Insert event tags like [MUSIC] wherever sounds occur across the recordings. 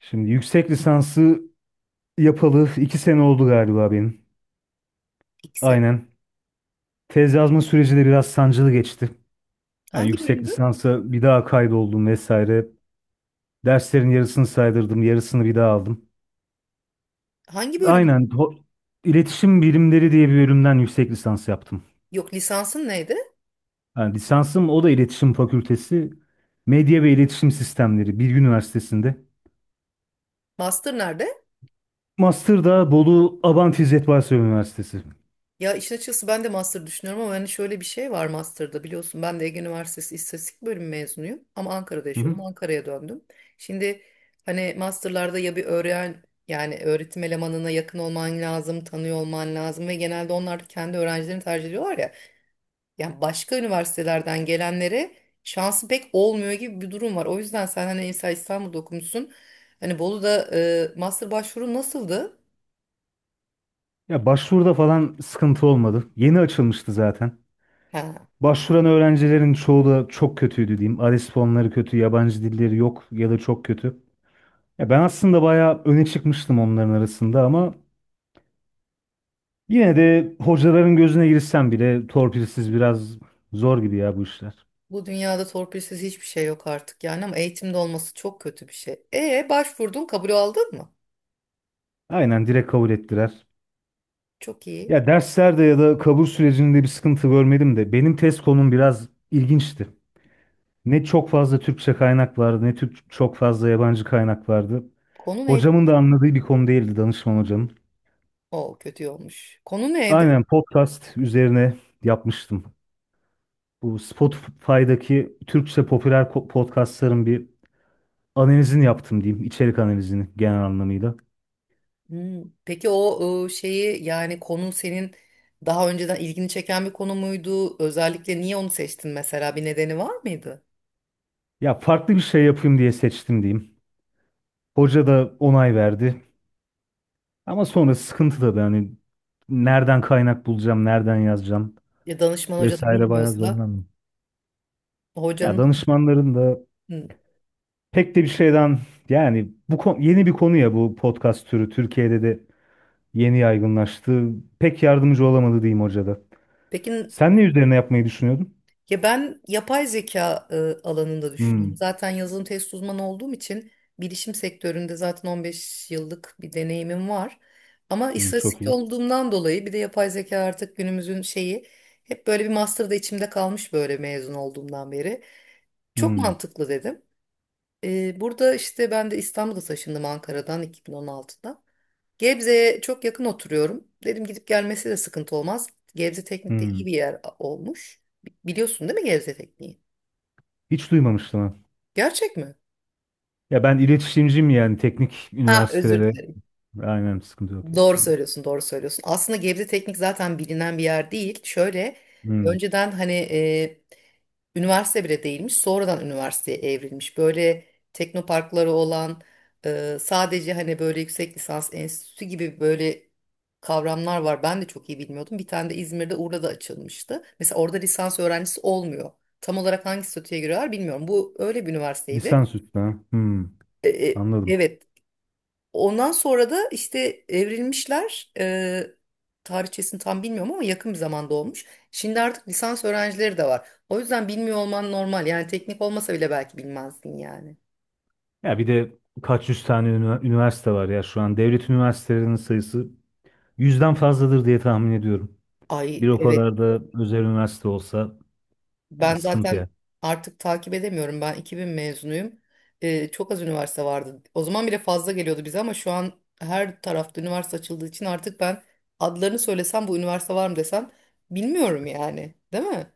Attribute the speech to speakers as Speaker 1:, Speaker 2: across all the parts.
Speaker 1: Şimdi yüksek lisansı yapalı iki sene oldu galiba benim.
Speaker 2: İki sene.
Speaker 1: Aynen. Tez yazma süreci de biraz sancılı geçti. Yani
Speaker 2: Hangi
Speaker 1: yüksek
Speaker 2: bölümdü?
Speaker 1: lisansa bir daha kaydoldum vesaire. Derslerin yarısını saydırdım, yarısını bir daha aldım.
Speaker 2: Hangi bölüm?
Speaker 1: Aynen. İletişim Bilimleri diye bir bölümden yüksek lisans yaptım.
Speaker 2: Yok, lisansın neydi?
Speaker 1: Yani lisansım, o da iletişim Fakültesi. Medya ve İletişim Sistemleri, Bilgi Üniversitesi'nde.
Speaker 2: Master nerede?
Speaker 1: Master da Bolu Abant İzzet Baysal Üniversitesi.
Speaker 2: Ya, işin açıkçası ben de master düşünüyorum ama hani şöyle bir şey var master'da, biliyorsun, ben de Ege Üniversitesi İstatistik bölümü mezunuyum ama Ankara'da
Speaker 1: Hı
Speaker 2: yaşıyordum,
Speaker 1: hı.
Speaker 2: Ankara'ya döndüm. Şimdi hani master'larda ya bir öğren yani öğretim elemanına yakın olman lazım, tanıyor olman lazım ve genelde onlar kendi öğrencilerini tercih ediyorlar ya. Yani başka üniversitelerden gelenlere şansı pek olmuyor gibi bir durum var. O yüzden sen hani mesela İstanbul'da okumuşsun. Hani Bolu'da master başvuru nasıldı?
Speaker 1: Ya başvuruda falan sıkıntı olmadı. Yeni açılmıştı zaten.
Speaker 2: Ha,
Speaker 1: Başvuran öğrencilerin çoğu da çok kötüydü diyeyim. ALES puanları kötü, yabancı dilleri yok ya da çok kötü. Ya ben aslında bayağı öne çıkmıştım onların arasında, ama yine de hocaların gözüne girsem bile torpilsiz biraz zor gibi ya bu işler.
Speaker 2: bu dünyada torpilsiz hiçbir şey yok artık yani ama eğitimde olması çok kötü bir şey. E, başvurdun, kabul aldın mı?
Speaker 1: Aynen, direkt kabul ettiler.
Speaker 2: Çok iyi.
Speaker 1: Ya derslerde ya da kabul sürecinde bir sıkıntı görmedim de benim test konum biraz ilginçti. Ne çok fazla Türkçe kaynak vardı ne Türk çok fazla yabancı kaynak vardı.
Speaker 2: Konu neydi?
Speaker 1: Hocamın da anladığı bir konu değildi, danışman hocanın.
Speaker 2: O kötü olmuş. Konu neydi?
Speaker 1: Aynen, podcast üzerine yapmıştım. Bu Spotify'daki Türkçe popüler podcastların bir analizini yaptım diyeyim. İçerik analizini, genel anlamıyla.
Speaker 2: Peki o şeyi yani konu senin daha önceden ilgini çeken bir konu muydu? Özellikle niye onu seçtin, mesela bir nedeni var mıydı?
Speaker 1: Ya farklı bir şey yapayım diye seçtim diyeyim. Hoca da onay verdi. Ama sonra sıkıntı tabii, hani nereden kaynak bulacağım, nereden yazacağım
Speaker 2: Ya, danışman hoca da
Speaker 1: vesaire, bayağı
Speaker 2: bilmiyorsa
Speaker 1: zorlandım. Ya
Speaker 2: hocanın.
Speaker 1: danışmanların da
Speaker 2: Hı.
Speaker 1: pek de bir şeyden, yani bu yeni bir konu, ya bu podcast türü Türkiye'de de yeni yaygınlaştı. Pek yardımcı olamadı diyeyim hoca da.
Speaker 2: Peki,
Speaker 1: Sen ne üzerine yapmayı düşünüyordun?
Speaker 2: ya ben yapay zeka alanında düşünüyorum.
Speaker 1: Hmm,
Speaker 2: Zaten yazılım test uzmanı olduğum için bilişim sektöründe zaten 15 yıllık bir deneyimim var. Ama
Speaker 1: çok
Speaker 2: istatistikçi
Speaker 1: iyi.
Speaker 2: olduğumdan dolayı bir de yapay zeka artık günümüzün şeyi, hep böyle bir master da içimde kalmış böyle mezun olduğumdan beri. Çok
Speaker 1: Hmm.
Speaker 2: mantıklı dedim. E, burada işte ben de İstanbul'a taşındım Ankara'dan 2016'da. Gebze'ye çok yakın oturuyorum. Dedim gidip gelmesi de sıkıntı olmaz. Gebze Teknik de
Speaker 1: Hmm.
Speaker 2: iyi bir yer olmuş. Biliyorsun değil mi Gebze Teknik'i?
Speaker 1: Hiç duymamıştım ha.
Speaker 2: Gerçek mi?
Speaker 1: Ya ben iletişimciyim, yani teknik
Speaker 2: Ha, özür
Speaker 1: üniversitelere.
Speaker 2: dilerim.
Speaker 1: Aynen, sıkıntı yok ya.
Speaker 2: Doğru
Speaker 1: Hmm.
Speaker 2: söylüyorsun, doğru söylüyorsun. Aslında Gebze Teknik zaten bilinen bir yer değil. Şöyle
Speaker 1: Hmm.
Speaker 2: önceden hani üniversite bile değilmiş, sonradan üniversiteye evrilmiş. Böyle teknoparkları olan, sadece hani böyle yüksek lisans enstitüsü gibi böyle kavramlar var. Ben de çok iyi bilmiyordum. Bir tane de İzmir'de Urla'da açılmıştı. Mesela orada lisans öğrencisi olmuyor. Tam olarak hangi statüye giriyorlar bilmiyorum. Bu öyle bir üniversiteydi.
Speaker 1: Lisans üstü ha. Anladım.
Speaker 2: Evet, ondan sonra da işte evrilmişler. Tarihçesini tam bilmiyorum ama yakın bir zamanda olmuş. Şimdi artık lisans öğrencileri de var. O yüzden bilmiyor olman normal. Yani teknik olmasa bile belki bilmezsin yani.
Speaker 1: Ya bir de kaç yüz tane üniversite var ya şu an. Devlet üniversitelerinin sayısı yüzden fazladır diye tahmin ediyorum.
Speaker 2: Ay,
Speaker 1: Bir o
Speaker 2: evet,
Speaker 1: kadar da özel üniversite olsa, yani
Speaker 2: ben
Speaker 1: sıkıntı ya.
Speaker 2: zaten artık takip edemiyorum. Ben 2000 mezunuyum. Çok az üniversite vardı. O zaman bile fazla geliyordu bize ama şu an her tarafta üniversite açıldığı için artık ben adlarını söylesem bu üniversite var mı desem bilmiyorum yani. Değil mi?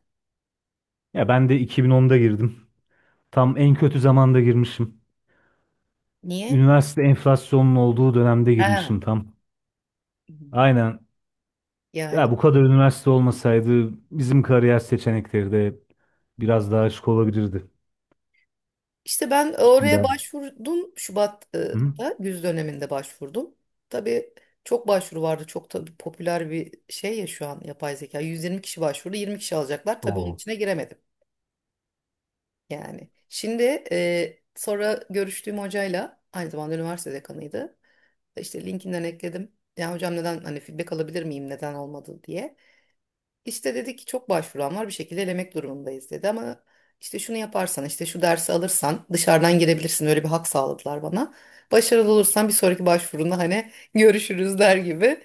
Speaker 1: Ya ben de 2010'da girdim. Tam en kötü zamanda girmişim.
Speaker 2: Niye?
Speaker 1: Üniversite enflasyonun olduğu dönemde
Speaker 2: Ha.
Speaker 1: girmişim tam. Aynen. Ya
Speaker 2: Yani,
Speaker 1: bu kadar üniversite olmasaydı bizim kariyer seçenekleri de biraz daha açık olabilirdi.
Speaker 2: İşte ben oraya
Speaker 1: Şimdi.
Speaker 2: başvurdum
Speaker 1: Hı?
Speaker 2: Şubat'ta, güz döneminde başvurdum. Tabii çok başvuru vardı. Çok tabii popüler bir şey ya şu an yapay zeka. 120 kişi başvurdu. 20 kişi alacaklar. Tabii onun
Speaker 1: Oo.
Speaker 2: içine giremedim. Yani şimdi sonra görüştüğüm hocayla aynı zamanda üniversite dekanıydı. İşte LinkedIn'den ekledim. Ya hocam, neden hani feedback alabilir miyim, neden olmadı diye. İşte dedi ki çok başvuran var, bir şekilde elemek durumundayız dedi ama işte şunu yaparsan, işte şu dersi alırsan dışarıdan girebilirsin, öyle bir hak sağladılar bana. Başarılı olursan bir sonraki başvurunda hani [LAUGHS] görüşürüz der gibi.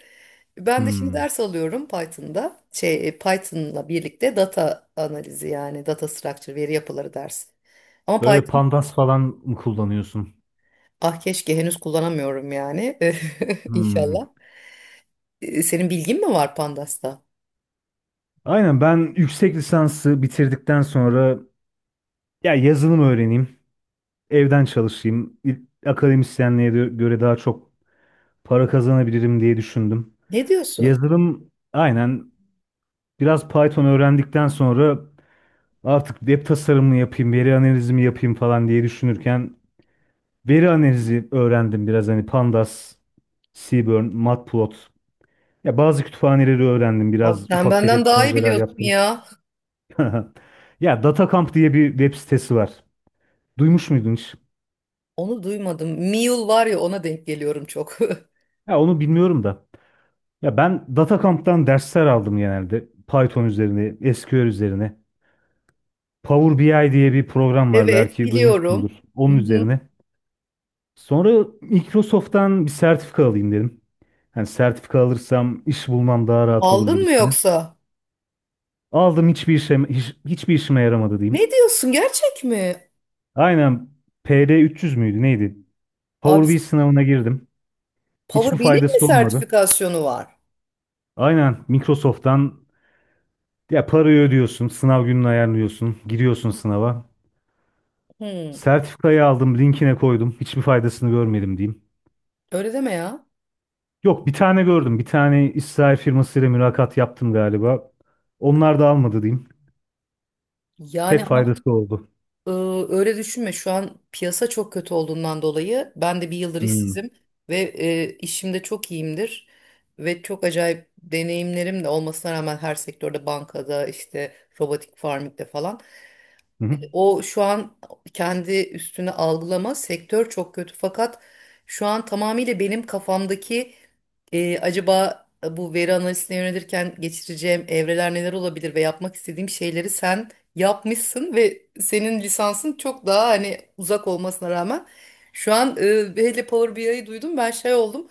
Speaker 2: Ben de şimdi
Speaker 1: Hmm.
Speaker 2: ders alıyorum Python'da. Şey Python'la birlikte data analizi yani data structure, veri yapıları dersi. Ama
Speaker 1: Böyle
Speaker 2: Python,
Speaker 1: Pandas falan mı kullanıyorsun?
Speaker 2: ah, keşke henüz kullanamıyorum yani [LAUGHS]
Speaker 1: Hmm.
Speaker 2: inşallah. Senin bilgin mi var Pandas'ta?
Speaker 1: Aynen, ben yüksek lisansı bitirdikten sonra ya yazılım öğreneyim, evden çalışayım, akademisyenliğe göre daha çok para kazanabilirim diye düşündüm.
Speaker 2: Ne diyorsun?
Speaker 1: Yazılım, aynen, biraz Python öğrendikten sonra artık web tasarımını yapayım, veri analizimi yapayım falan diye düşünürken, veri analizi öğrendim biraz, hani Pandas, Seaborn, Matplot. Ya bazı kütüphaneleri öğrendim.
Speaker 2: Abi
Speaker 1: Biraz
Speaker 2: sen
Speaker 1: ufak
Speaker 2: benden
Speaker 1: tefek
Speaker 2: daha iyi
Speaker 1: projeler
Speaker 2: biliyorsun
Speaker 1: yaptım.
Speaker 2: ya.
Speaker 1: [LAUGHS] Ya DataCamp diye bir web sitesi var. Duymuş muydun hiç?
Speaker 2: Onu duymadım. Mule var ya, ona denk geliyorum çok. [LAUGHS]
Speaker 1: Ya onu bilmiyorum da. Ya ben DataCamp'tan dersler aldım genelde. Python üzerine, SQL üzerine. Power BI diye bir program var,
Speaker 2: Evet,
Speaker 1: belki duymuşsundur.
Speaker 2: biliyorum. Hı
Speaker 1: Onun
Speaker 2: hı.
Speaker 1: üzerine. Sonra Microsoft'tan bir sertifika alayım dedim. Hani sertifika alırsam iş bulmam daha rahat olur
Speaker 2: Aldın mı
Speaker 1: gibisine.
Speaker 2: yoksa?
Speaker 1: Aldım, hiçbir işime yaramadı diyeyim.
Speaker 2: Ne diyorsun, gerçek mi?
Speaker 1: Aynen, PD300 müydü neydi?
Speaker 2: Abi,
Speaker 1: Power BI sınavına girdim. Hiçbir
Speaker 2: Power benim mi
Speaker 1: faydası olmadı.
Speaker 2: sertifikasyonu var?
Speaker 1: Aynen Microsoft'tan, ya parayı ödüyorsun, sınav gününü ayarlıyorsun, giriyorsun sınava.
Speaker 2: Hmm,
Speaker 1: Sertifikayı aldım, linkine koydum. Hiçbir faydasını görmedim diyeyim.
Speaker 2: Öyle deme ya.
Speaker 1: Yok, bir tane gördüm. Bir tane İsrail firmasıyla mülakat yaptım galiba. Onlar da almadı diyeyim.
Speaker 2: Yani
Speaker 1: Tek
Speaker 2: ama
Speaker 1: faydası oldu.
Speaker 2: e, öyle düşünme, şu an piyasa çok kötü olduğundan dolayı ben de bir yıldır
Speaker 1: Hmm.
Speaker 2: işsizim ve işimde çok iyiyimdir. Ve çok acayip deneyimlerim de olmasına rağmen her sektörde, bankada, işte robotik farmingde falan.
Speaker 1: Hı hı.
Speaker 2: O şu an kendi üstüne algılama, sektör çok kötü fakat şu an tamamıyla benim kafamdaki acaba bu veri analizine yönelirken geçireceğim evreler neler olabilir ve yapmak istediğim şeyleri sen yapmışsın ve senin lisansın çok daha hani uzak olmasına rağmen şu an hele Power BI'yi duydum, ben şey oldum.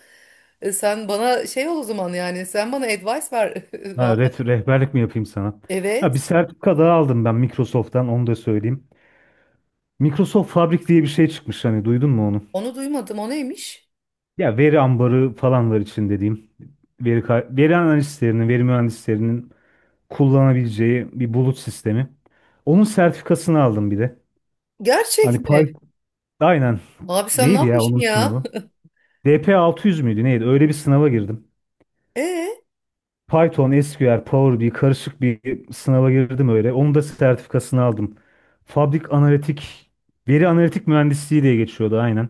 Speaker 2: E, sen bana şey ol o zaman, yani sen bana advice ver. [LAUGHS]
Speaker 1: Ha,
Speaker 2: Vallahi
Speaker 1: rehberlik mi yapayım sana? Ha,
Speaker 2: evet,
Speaker 1: bir sertifika daha aldım ben Microsoft'tan, onu da söyleyeyim. Microsoft Fabric diye bir şey çıkmış, hani duydun mu onu?
Speaker 2: onu duymadım, o neymiş?
Speaker 1: Ya veri ambarı falan var için dediğim. Veri, veri analistlerinin, veri mühendislerinin kullanabileceği bir bulut sistemi. Onun sertifikasını aldım bir de.
Speaker 2: Gerçek
Speaker 1: Hani
Speaker 2: mi?
Speaker 1: Python, aynen,
Speaker 2: Abi sen ne
Speaker 1: neydi ya
Speaker 2: yapmışsın
Speaker 1: onun
Speaker 2: ya?
Speaker 1: sınavı?
Speaker 2: [LAUGHS]
Speaker 1: DP600 müydü neydi? Öyle bir sınava girdim.
Speaker 2: Ee,
Speaker 1: Python, SQL, Power BI karışık bir sınava girdim öyle. Onun da sertifikasını aldım. Fabrik analitik, veri analitik mühendisliği diye geçiyordu aynen.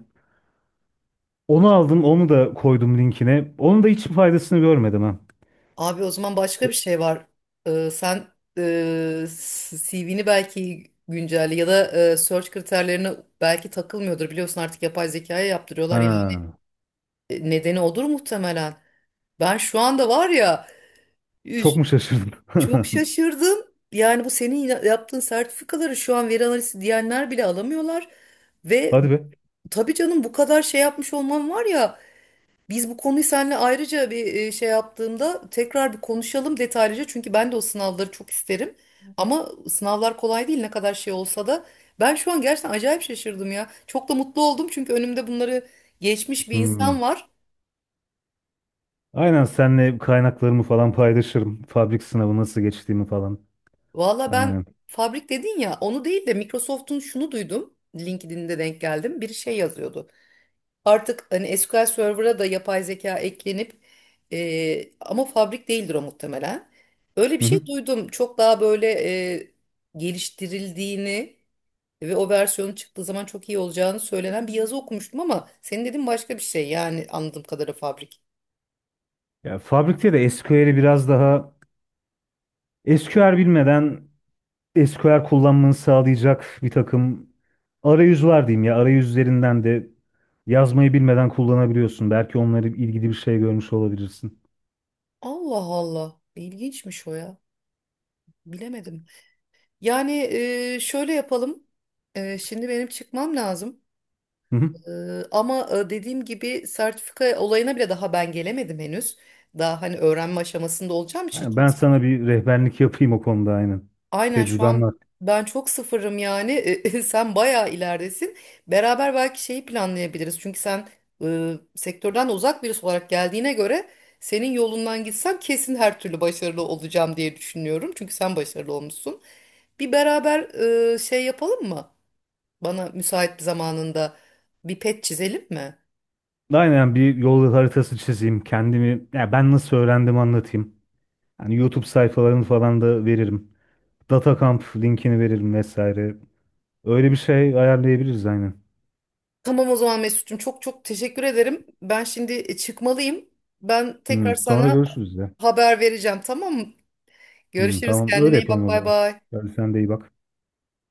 Speaker 1: Onu aldım, onu da koydum linkine. Onun da hiç faydasını görmedim ha.
Speaker 2: Abi o zaman başka bir şey var. Sen e, CV'ni belki güncelle ya da search kriterlerine belki takılmıyordur. Biliyorsun artık yapay zekaya yaptırıyorlar ya.
Speaker 1: Ha,
Speaker 2: E, nedeni odur muhtemelen. Ben şu anda var ya, üf,
Speaker 1: çok mu şaşırdın?
Speaker 2: çok
Speaker 1: [LAUGHS]
Speaker 2: şaşırdım. Yani bu senin yaptığın sertifikaları şu an veri analizi diyenler bile alamıyorlar. Ve
Speaker 1: Hadi be.
Speaker 2: tabii canım, bu kadar şey yapmış olman var ya. Biz bu konuyu seninle ayrıca bir şey yaptığımda tekrar bir konuşalım detaylıca. Çünkü ben de o sınavları çok isterim. Ama sınavlar kolay değil ne kadar şey olsa da. Ben şu an gerçekten acayip şaşırdım ya. Çok da mutlu oldum çünkü önümde bunları geçmiş bir insan
Speaker 1: Hmm.
Speaker 2: var.
Speaker 1: Aynen, senle kaynaklarımı falan paylaşırım. Fabrik sınavı nasıl geçtiğimi falan.
Speaker 2: Valla ben
Speaker 1: Aynen.
Speaker 2: fabrik dedin ya, onu değil de Microsoft'un şunu duydum. LinkedIn'de denk geldim. Biri şey yazıyordu. Artık hani SQL Server'a da yapay zeka eklenip ama fabrik değildir o muhtemelen. Öyle bir
Speaker 1: Hı
Speaker 2: şey
Speaker 1: hı.
Speaker 2: duydum. Çok daha böyle e, geliştirildiğini ve o versiyonun çıktığı zaman çok iyi olacağını söylenen bir yazı okumuştum ama senin dediğin başka bir şey, yani anladığım kadarıyla fabrik.
Speaker 1: Ya fabrikte de SQL'i biraz daha, SQL bilmeden SQL kullanmanı sağlayacak bir takım arayüz var diyeyim ya. Arayüzlerinden de yazmayı bilmeden kullanabiliyorsun. Belki onları ilgili bir şey görmüş olabilirsin.
Speaker 2: Allah Allah. İlginçmiş o ya. Bilemedim. Yani şöyle yapalım. E, şimdi benim çıkmam lazım.
Speaker 1: Hı hı.
Speaker 2: Ama dediğim gibi sertifika olayına bile daha ben gelemedim henüz. Daha hani öğrenme aşamasında olacağım için
Speaker 1: Yani
Speaker 2: çok.
Speaker 1: Ben sana bir rehberlik yapayım o konuda, aynen.
Speaker 2: Aynen, şu
Speaker 1: Tecrübem var.
Speaker 2: an ben çok sıfırım yani. [LAUGHS] E, sen bayağı ileridesin. Beraber belki şeyi planlayabiliriz. Çünkü sen sektörden de uzak birisi olarak geldiğine göre, senin yolundan gitsem kesin her türlü başarılı olacağım diye düşünüyorum. Çünkü sen başarılı olmuşsun. Bir beraber şey yapalım mı? Bana müsait bir zamanında bir pet çizelim mi?
Speaker 1: Aynen, bir yol haritası çizeyim. Kendimi, ya ben nasıl öğrendim anlatayım. Yani YouTube sayfalarını falan da veririm. DataCamp linkini veririm vesaire. Öyle bir şey ayarlayabiliriz aynen.
Speaker 2: Tamam o zaman Mesut'cum, çok çok teşekkür ederim. Ben şimdi çıkmalıyım. Ben tekrar
Speaker 1: Hı, sonra
Speaker 2: sana
Speaker 1: görüşürüz de.
Speaker 2: haber vereceğim, tamam mı?
Speaker 1: Hı,
Speaker 2: Görüşürüz,
Speaker 1: tamam, öyle
Speaker 2: kendine iyi
Speaker 1: yapalım
Speaker 2: bak,
Speaker 1: o
Speaker 2: bay
Speaker 1: zaman.
Speaker 2: bay.
Speaker 1: Hadi sen de iyi bak.